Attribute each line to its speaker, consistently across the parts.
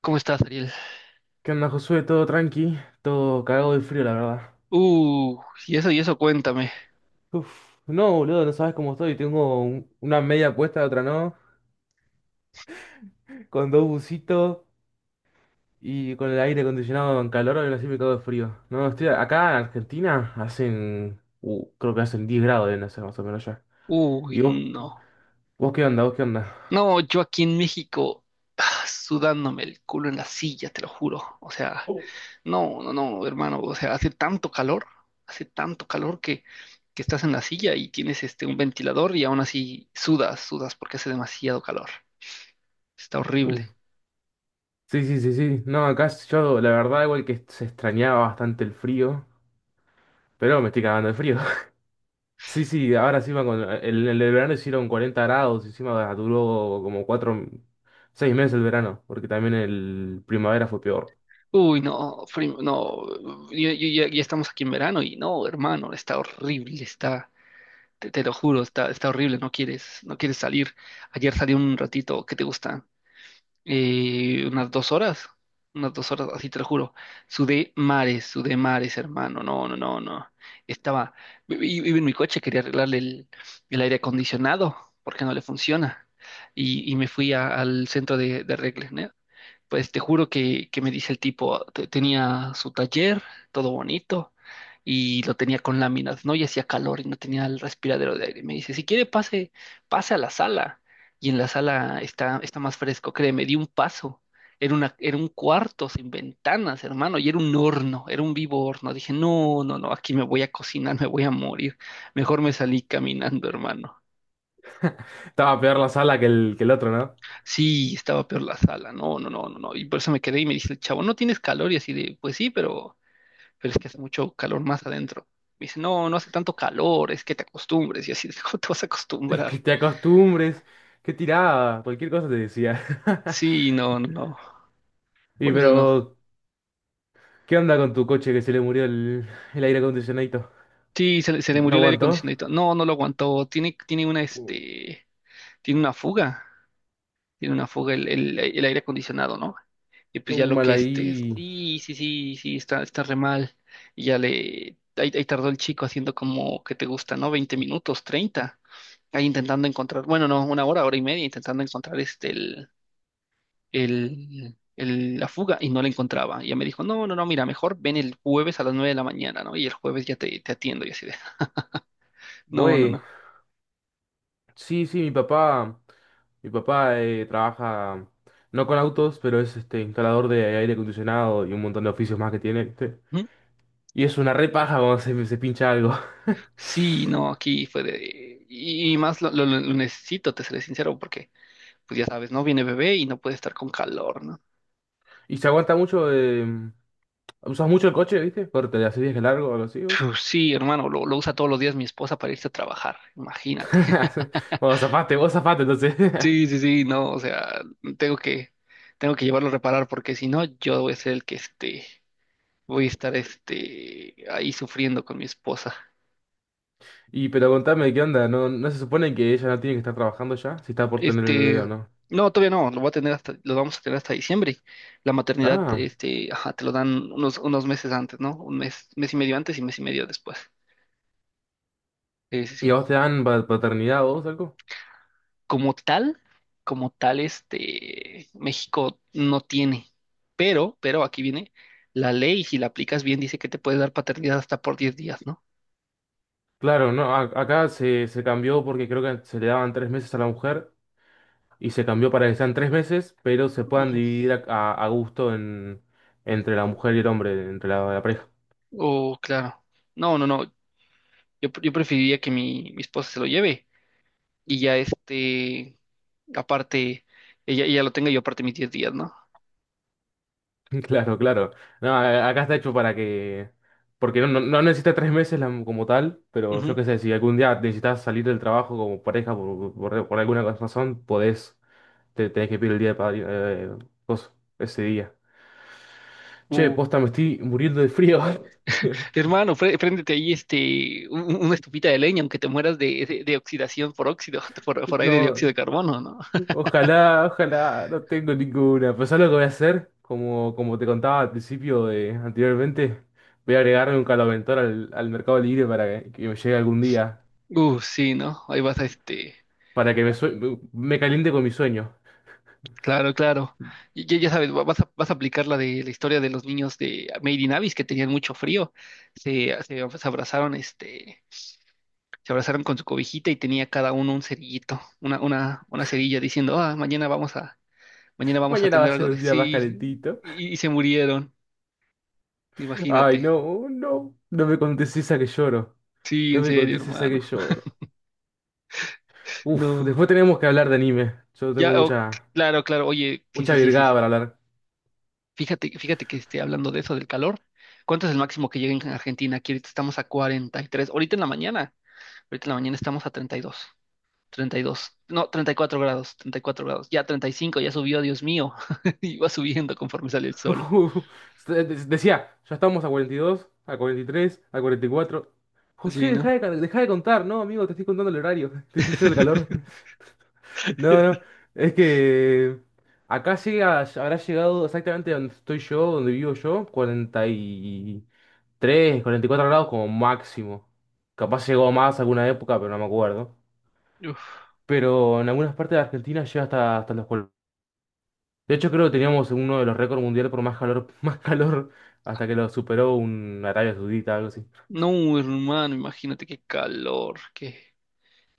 Speaker 1: ¿Cómo estás, Ariel?
Speaker 2: ¿Qué onda, Josué? Todo tranqui, todo cagado de frío, la verdad.
Speaker 1: Uh, y eso, cuéntame.
Speaker 2: Uf, no, boludo, no sabes cómo estoy. Tengo una media puesta, otra no, con dos bucitos y con el aire acondicionado en calor, ahora sí me cago de frío. No, estoy acá en Argentina, hacen, creo que hacen 10 grados, deben hacer más o menos ya.
Speaker 1: Uy,
Speaker 2: ¿Y vos?
Speaker 1: no.
Speaker 2: ¿Vos qué onda?
Speaker 1: No, yo aquí en México, sudándome el culo en la silla, te lo juro. O sea,
Speaker 2: Oh.
Speaker 1: no, no, no, hermano. O sea, hace tanto calor que estás en la silla y tienes un ventilador y aún así sudas, sudas porque hace demasiado calor. Está
Speaker 2: Uh,
Speaker 1: horrible.
Speaker 2: sí, sí, sí, sí. No, acá yo, la verdad, igual que se extrañaba bastante el frío, pero me estoy cagando de frío. Sí, sí, ahora encima con el de verano hicieron 40 grados, encima duró como cuatro, seis meses el verano, porque también el primavera fue peor.
Speaker 1: Uy, no, primo, no. Ya, ya estamos aquí en verano y no, hermano, está horrible, está. Te lo juro, está, está horrible, no quieres, no quieres salir. Ayer salí un ratito, ¿qué te gusta? Unas 2 horas, unas 2 horas, así te lo juro. Sudé mares, hermano, no, no, no, no. Estaba, iba en mi coche, quería arreglarle el aire acondicionado, porque no le funciona. Y me fui al centro de arregles, pues te juro que me dice el tipo, tenía su taller, todo bonito, y lo tenía con láminas, ¿no? Y hacía calor y no tenía el respiradero de aire. Me dice, si quiere pase, pase a la sala. Y en la sala está, está más fresco, créeme, di un paso. Era una, era un cuarto sin ventanas, hermano, y era un horno, era un vivo horno. Dije, no, no, no, aquí me voy a cocinar. Me voy a morir. Mejor me salí caminando, hermano.
Speaker 2: Estaba peor la sala que que el otro, ¿no?
Speaker 1: Sí, estaba peor la sala, no, no, no, no, no. Y por eso me quedé y me dice el chavo, ¿no tienes calor? Y así de, pues sí, pero es que hace mucho calor más adentro. Me dice, no, no hace tanto calor, es que te acostumbres. Y así de, ¿cómo te vas a
Speaker 2: Es
Speaker 1: acostumbrar?
Speaker 2: que te acostumbres, qué tirada, cualquier cosa te decía.
Speaker 1: Sí, no, no, no,
Speaker 2: Y
Speaker 1: por eso no.
Speaker 2: pero, ¿qué onda con tu coche que se le murió el aire acondicionadito?
Speaker 1: Sí, se le
Speaker 2: ¿No
Speaker 1: murió el aire
Speaker 2: aguantó?
Speaker 1: acondicionado, y todo. No, no lo aguantó. Tiene, tiene una,
Speaker 2: Uh,
Speaker 1: tiene una fuga. Tiene una fuga el, el aire acondicionado, ¿no? Y pues ya lo
Speaker 2: mal
Speaker 1: que
Speaker 2: ahí.
Speaker 1: sí, sí, sí, sí, está, está re mal. Y ya le, ahí, ahí tardó el chico haciendo como que te gusta, ¿no? 20 minutos, treinta, ahí intentando encontrar, bueno, no, una hora, hora y media, intentando encontrar el, la fuga y no la encontraba. Y ya me dijo, no, no, no, mira, mejor ven el jueves a las 9 de la mañana, ¿no? Y el jueves ya te atiendo y así de, no, no,
Speaker 2: Güey.
Speaker 1: no.
Speaker 2: Sí, sí, mi papá trabaja no con autos, pero es este instalador de aire acondicionado y un montón de oficios más que tiene, ¿viste?
Speaker 1: ¿Mm?
Speaker 2: Y es una repaja cuando se pincha algo.
Speaker 1: Sí, no, aquí fue de... Y y más lo, lo necesito, te seré sincero, porque pues ya sabes, ¿no? Viene bebé y no puede estar con calor, ¿no?
Speaker 2: Y se aguanta mucho, usas mucho el coche, ¿viste? Corte, le haces viaje largo o algo así, vos.
Speaker 1: Sí, hermano, lo usa todos los días mi esposa para irse a trabajar, imagínate.
Speaker 2: Bueno, zafaste, vos zafaste entonces.
Speaker 1: Sí, sí, sí, no, o sea, tengo que, tengo que llevarlo a reparar porque si no, yo voy a ser el que voy a estar ahí sufriendo con mi esposa.
Speaker 2: Y pero contame, ¿qué onda? ¿No, no se supone que ella no tiene que estar trabajando ya? Si está por tener el bebé
Speaker 1: Este,
Speaker 2: o no.
Speaker 1: no, todavía no, lo voy a tener hasta, lo vamos a tener hasta diciembre. La maternidad,
Speaker 2: Ah,
Speaker 1: ajá, te lo dan unos, unos meses antes, ¿no? Un mes, mes y medio antes y mes y medio después. Sí, sí,
Speaker 2: ¿y a
Speaker 1: sí.
Speaker 2: vos te dan paternidad o algo?
Speaker 1: Como tal, como tal, México no tiene, pero aquí viene la ley, si la aplicas bien, dice que te puede dar paternidad hasta por 10 días, ¿no?
Speaker 2: Claro, no, acá se cambió porque creo que se le daban tres meses a la mujer y se cambió para que sean tres meses, pero se puedan
Speaker 1: Ujú.
Speaker 2: dividir a gusto entre la mujer y el hombre, entre la pareja.
Speaker 1: Oh, claro. No, no, no, yo preferiría que mi esposa se lo lleve y ya aparte, ella lo tenga y yo aparte mis 10 días, ¿no?
Speaker 2: Claro, claro. No, acá está hecho para que... Porque no, no, no necesita tres meses como tal, pero yo
Speaker 1: Ujú.
Speaker 2: qué sé, si algún día necesitas salir del trabajo como pareja por alguna razón, podés, te tenés que pedir el día de coso, ese día. Che,
Speaker 1: Uh,
Speaker 2: posta, me estoy muriendo de frío.
Speaker 1: hermano, préndete ahí una estufita de leña, aunque te mueras de, de oxidación por óxido, por aire de dióxido
Speaker 2: No,
Speaker 1: de carbono, ¿no?
Speaker 2: ojalá, ojalá, no tengo ninguna. Pero ¿sabes lo que voy a hacer? Como, como te contaba al principio de anteriormente, voy a agregarle un caloventor al Mercado Libre para que me llegue algún día,
Speaker 1: Sí, ¿no? Ahí vas a este.
Speaker 2: para que me, me caliente con mi sueño.
Speaker 1: Claro, claro. Ya, ya sabes, vas a, vas a aplicar la de la historia de los niños de Made in Abyss que tenían mucho frío. Se, se abrazaron, se abrazaron con su cobijita y tenía cada uno un cerillito, una, una cerilla diciendo, ah, mañana vamos a
Speaker 2: Mañana va a
Speaker 1: tener algo
Speaker 2: ser
Speaker 1: de
Speaker 2: un día más
Speaker 1: sí.
Speaker 2: calentito.
Speaker 1: Y se murieron,
Speaker 2: Ay,
Speaker 1: imagínate.
Speaker 2: no, no, no me contés esa que lloro.
Speaker 1: Sí,
Speaker 2: No
Speaker 1: en
Speaker 2: me
Speaker 1: serio,
Speaker 2: contés esa que
Speaker 1: hermano.
Speaker 2: lloro. Uf,
Speaker 1: No.
Speaker 2: después tenemos que hablar de anime.
Speaker 1: Ya, oh, claro, claro. Oye, sí,
Speaker 2: Mucha
Speaker 1: sí, sí, sí.
Speaker 2: virgada para hablar.
Speaker 1: Fíjate, fíjate que esté hablando de eso, del calor. ¿Cuánto es el máximo que llega en Argentina? Aquí ahorita estamos a 43. Ahorita en la mañana. Ahorita en la mañana estamos a 32, 32. No, 34 grados, 34 grados. Ya 35, ya subió, Dios mío. Y va subiendo conforme sale el sol.
Speaker 2: Decía, ya estamos a 42, a 43, a 44. José,
Speaker 1: Sí,
Speaker 2: deja
Speaker 1: ¿no?
Speaker 2: de, dejá de contar. No, amigo, te estoy contando el horario. Te estoy diciendo el calor. No, no. Es que acá llega, habrá llegado exactamente donde estoy yo, donde vivo yo, 43, 44 grados como máximo. Capaz llegó más alguna época, pero no me acuerdo.
Speaker 1: Uf.
Speaker 2: Pero en algunas partes de Argentina llega hasta, hasta los... De hecho, creo que teníamos uno de los récords mundiales por más calor, más calor, hasta que lo superó un Arabia Saudita, algo así.
Speaker 1: No, hermano, imagínate qué calor, qué,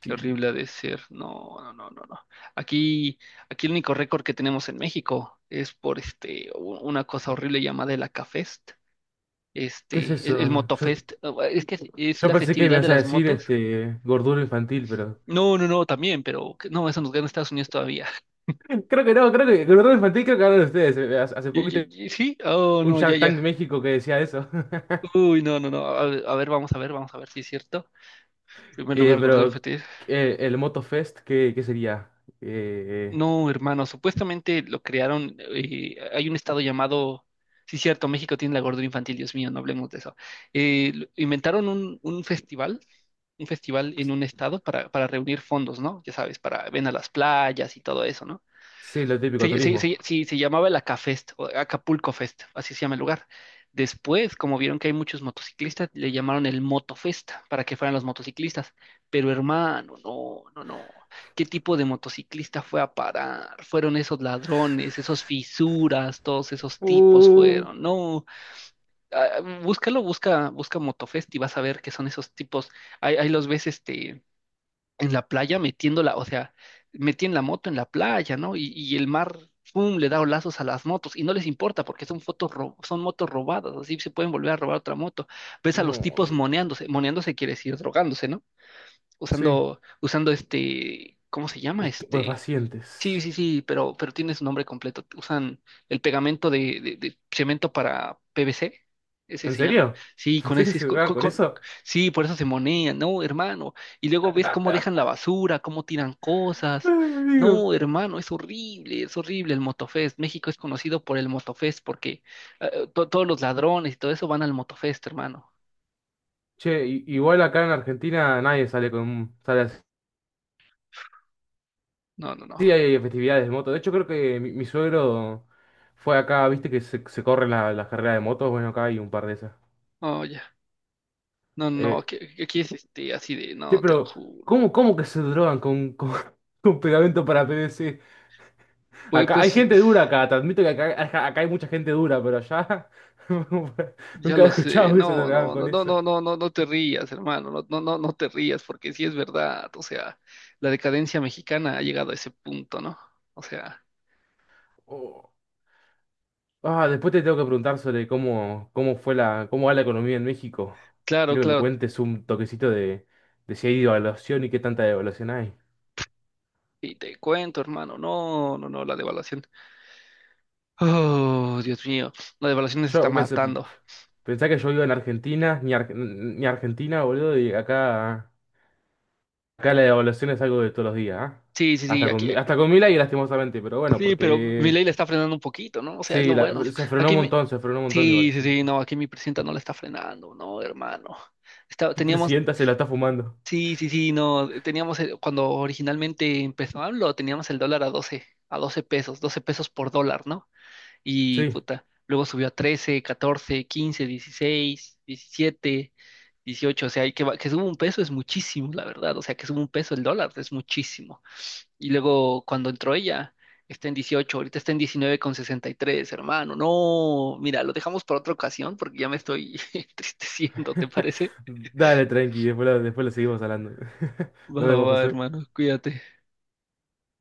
Speaker 1: qué
Speaker 2: Sí.
Speaker 1: horrible ha de ser. No, no, no, no, no. Aquí, aquí el único récord que tenemos en México es por una cosa horrible llamada el Acafest.
Speaker 2: ¿Qué es
Speaker 1: El
Speaker 2: eso? Yo,
Speaker 1: Motofest, es que es
Speaker 2: yo
Speaker 1: la
Speaker 2: pensé que me
Speaker 1: festividad de
Speaker 2: ibas a
Speaker 1: las
Speaker 2: decir
Speaker 1: motos.
Speaker 2: este gordura infantil, pero.
Speaker 1: No, no, no, también, pero no, eso nos gana Estados Unidos todavía.
Speaker 2: Creo que no, creo que gordura infantil creo que hablan ustedes. Hace, hace poquito
Speaker 1: ¿Sí? Oh,
Speaker 2: un
Speaker 1: no, ya,
Speaker 2: Shark
Speaker 1: ya.
Speaker 2: Tank México que decía eso.
Speaker 1: Uy, no, no, no. A ver, a ver, vamos a ver, vamos a ver si es cierto. Primer lugar, Gordon
Speaker 2: Pero
Speaker 1: FT.
Speaker 2: el Moto Fest, ¿qué, qué sería? Eh,
Speaker 1: No, hermano, supuestamente lo crearon. Hay un estado llamado. Sí, cierto, México tiene la gordura infantil, Dios mío, no hablemos de eso. Inventaron un festival en un estado para reunir fondos, ¿no? Ya sabes, para ven a las playas y todo eso, ¿no?
Speaker 2: sí, lo típico, turismo.
Speaker 1: Sí, se llamaba el Acafest, o Acapulco Fest, así se llama el lugar. Después, como vieron que hay muchos motociclistas, le llamaron el Motofest para que fueran los motociclistas. Pero hermano, no, no, no. ¿Qué tipo de motociclista fue a parar? Fueron esos ladrones, esos fisuras, todos esos tipos
Speaker 2: Uh,
Speaker 1: fueron. No, ah, búscalo, busca, busca Motofest y vas a ver que son esos tipos. Ahí, ahí los ves, en la playa metiéndola, o sea, metían la moto en la playa, ¿no? Y el mar, ¡pum!, le da lazos a las motos y no les importa porque son son motos robadas, así se pueden volver a robar otra moto. Ves a los
Speaker 2: no,
Speaker 1: tipos
Speaker 2: amigo.
Speaker 1: moneándose, moneándose quiere decir drogándose, ¿no?
Speaker 2: Sí,
Speaker 1: Usando, usando ¿cómo se llama? Sí,
Speaker 2: estupefacientes.
Speaker 1: sí, sí, pero tiene su nombre completo. Usan el pegamento de, de cemento para PVC, ese
Speaker 2: ¿En
Speaker 1: se llama.
Speaker 2: serio?
Speaker 1: Sí,
Speaker 2: ¿En
Speaker 1: con
Speaker 2: serio
Speaker 1: ese es
Speaker 2: se drogan con eso?
Speaker 1: sí, por eso se monean, no, hermano. Y luego ves cómo dejan la basura, cómo tiran
Speaker 2: Ay,
Speaker 1: cosas.
Speaker 2: amigo.
Speaker 1: No, hermano, es horrible el Motofest. México es conocido por el Motofest porque todos los ladrones y todo eso van al Motofest, hermano.
Speaker 2: Che, igual acá en Argentina nadie sale con sale así.
Speaker 1: No, no, no.
Speaker 2: Sí, hay festividades de moto. De hecho, creo que mi suegro fue acá, viste que se corren las carreras de motos. Bueno, acá hay un par de esas.
Speaker 1: Oh, ya. No, no,
Speaker 2: Eh,
Speaker 1: aquí, aquí es así de,
Speaker 2: che,
Speaker 1: no, te lo
Speaker 2: pero
Speaker 1: juro.
Speaker 2: ¿cómo, cómo que se drogan con pegamento para PVC?
Speaker 1: Pues,
Speaker 2: Acá hay
Speaker 1: pues.
Speaker 2: gente dura acá, te admito que acá, acá hay mucha gente dura, pero allá
Speaker 1: Ya
Speaker 2: nunca he
Speaker 1: lo sé,
Speaker 2: escuchado que se
Speaker 1: no,
Speaker 2: drogaban
Speaker 1: no,
Speaker 2: con
Speaker 1: no, no,
Speaker 2: eso.
Speaker 1: no, no, no, no te rías, hermano, no, no, no, no te rías, porque sí es verdad, o sea, la decadencia mexicana ha llegado a ese punto, ¿no? O sea,
Speaker 2: Ah, después te tengo que preguntar sobre cómo, cómo fue la, cómo va la economía en México.
Speaker 1: claro,
Speaker 2: Quiero que me
Speaker 1: claro,
Speaker 2: cuentes un toquecito de si hay devaluación y qué tanta devaluación hay.
Speaker 1: y te cuento, hermano, no, no, no, la devaluación, oh, Dios mío, la devaluación nos
Speaker 2: Yo
Speaker 1: está
Speaker 2: pensé,
Speaker 1: matando.
Speaker 2: pensá que yo vivo en Argentina, ni, ni Argentina, boludo, y acá, acá la devaluación es algo de todos los días, ¿ah?
Speaker 1: Sí, sí, sí,
Speaker 2: Hasta con,
Speaker 1: aquí,
Speaker 2: Hasta con Milei, lastimosamente, pero bueno,
Speaker 1: sí, pero mi
Speaker 2: porque
Speaker 1: ley la está frenando un poquito, ¿no? O sea, es
Speaker 2: sí,
Speaker 1: lo bueno.
Speaker 2: se frenó
Speaker 1: Aquí
Speaker 2: un
Speaker 1: mi,
Speaker 2: montón, se frenó un montón
Speaker 1: sí,
Speaker 2: igual,
Speaker 1: sí,
Speaker 2: sí.
Speaker 1: sí,
Speaker 2: Sí.
Speaker 1: no, aquí mi presidenta no la está frenando, no, hermano.
Speaker 2: El
Speaker 1: Teníamos.
Speaker 2: presidenta se la está fumando.
Speaker 1: Sí, sí, sí, no, teníamos, cuando originalmente empezó AMLO, teníamos el dólar a 12 pesos, 12 pesos por dólar, ¿no? Y
Speaker 2: Sí.
Speaker 1: puta, luego subió a 13, 14, 15, 16, 17, 18. O sea, y que, que suba un peso es muchísimo, la verdad, o sea, que suba un peso el dólar es muchísimo. Y luego cuando entró ella, está en 18. Ahorita está en 19.63, hermano. No, mira, lo dejamos para otra ocasión porque ya me estoy entristeciendo, ¿te parece?
Speaker 2: Dale, tranqui, después lo seguimos hablando.
Speaker 1: Va,
Speaker 2: Nos
Speaker 1: va,
Speaker 2: vemos,
Speaker 1: va,
Speaker 2: José.
Speaker 1: hermano, cuídate.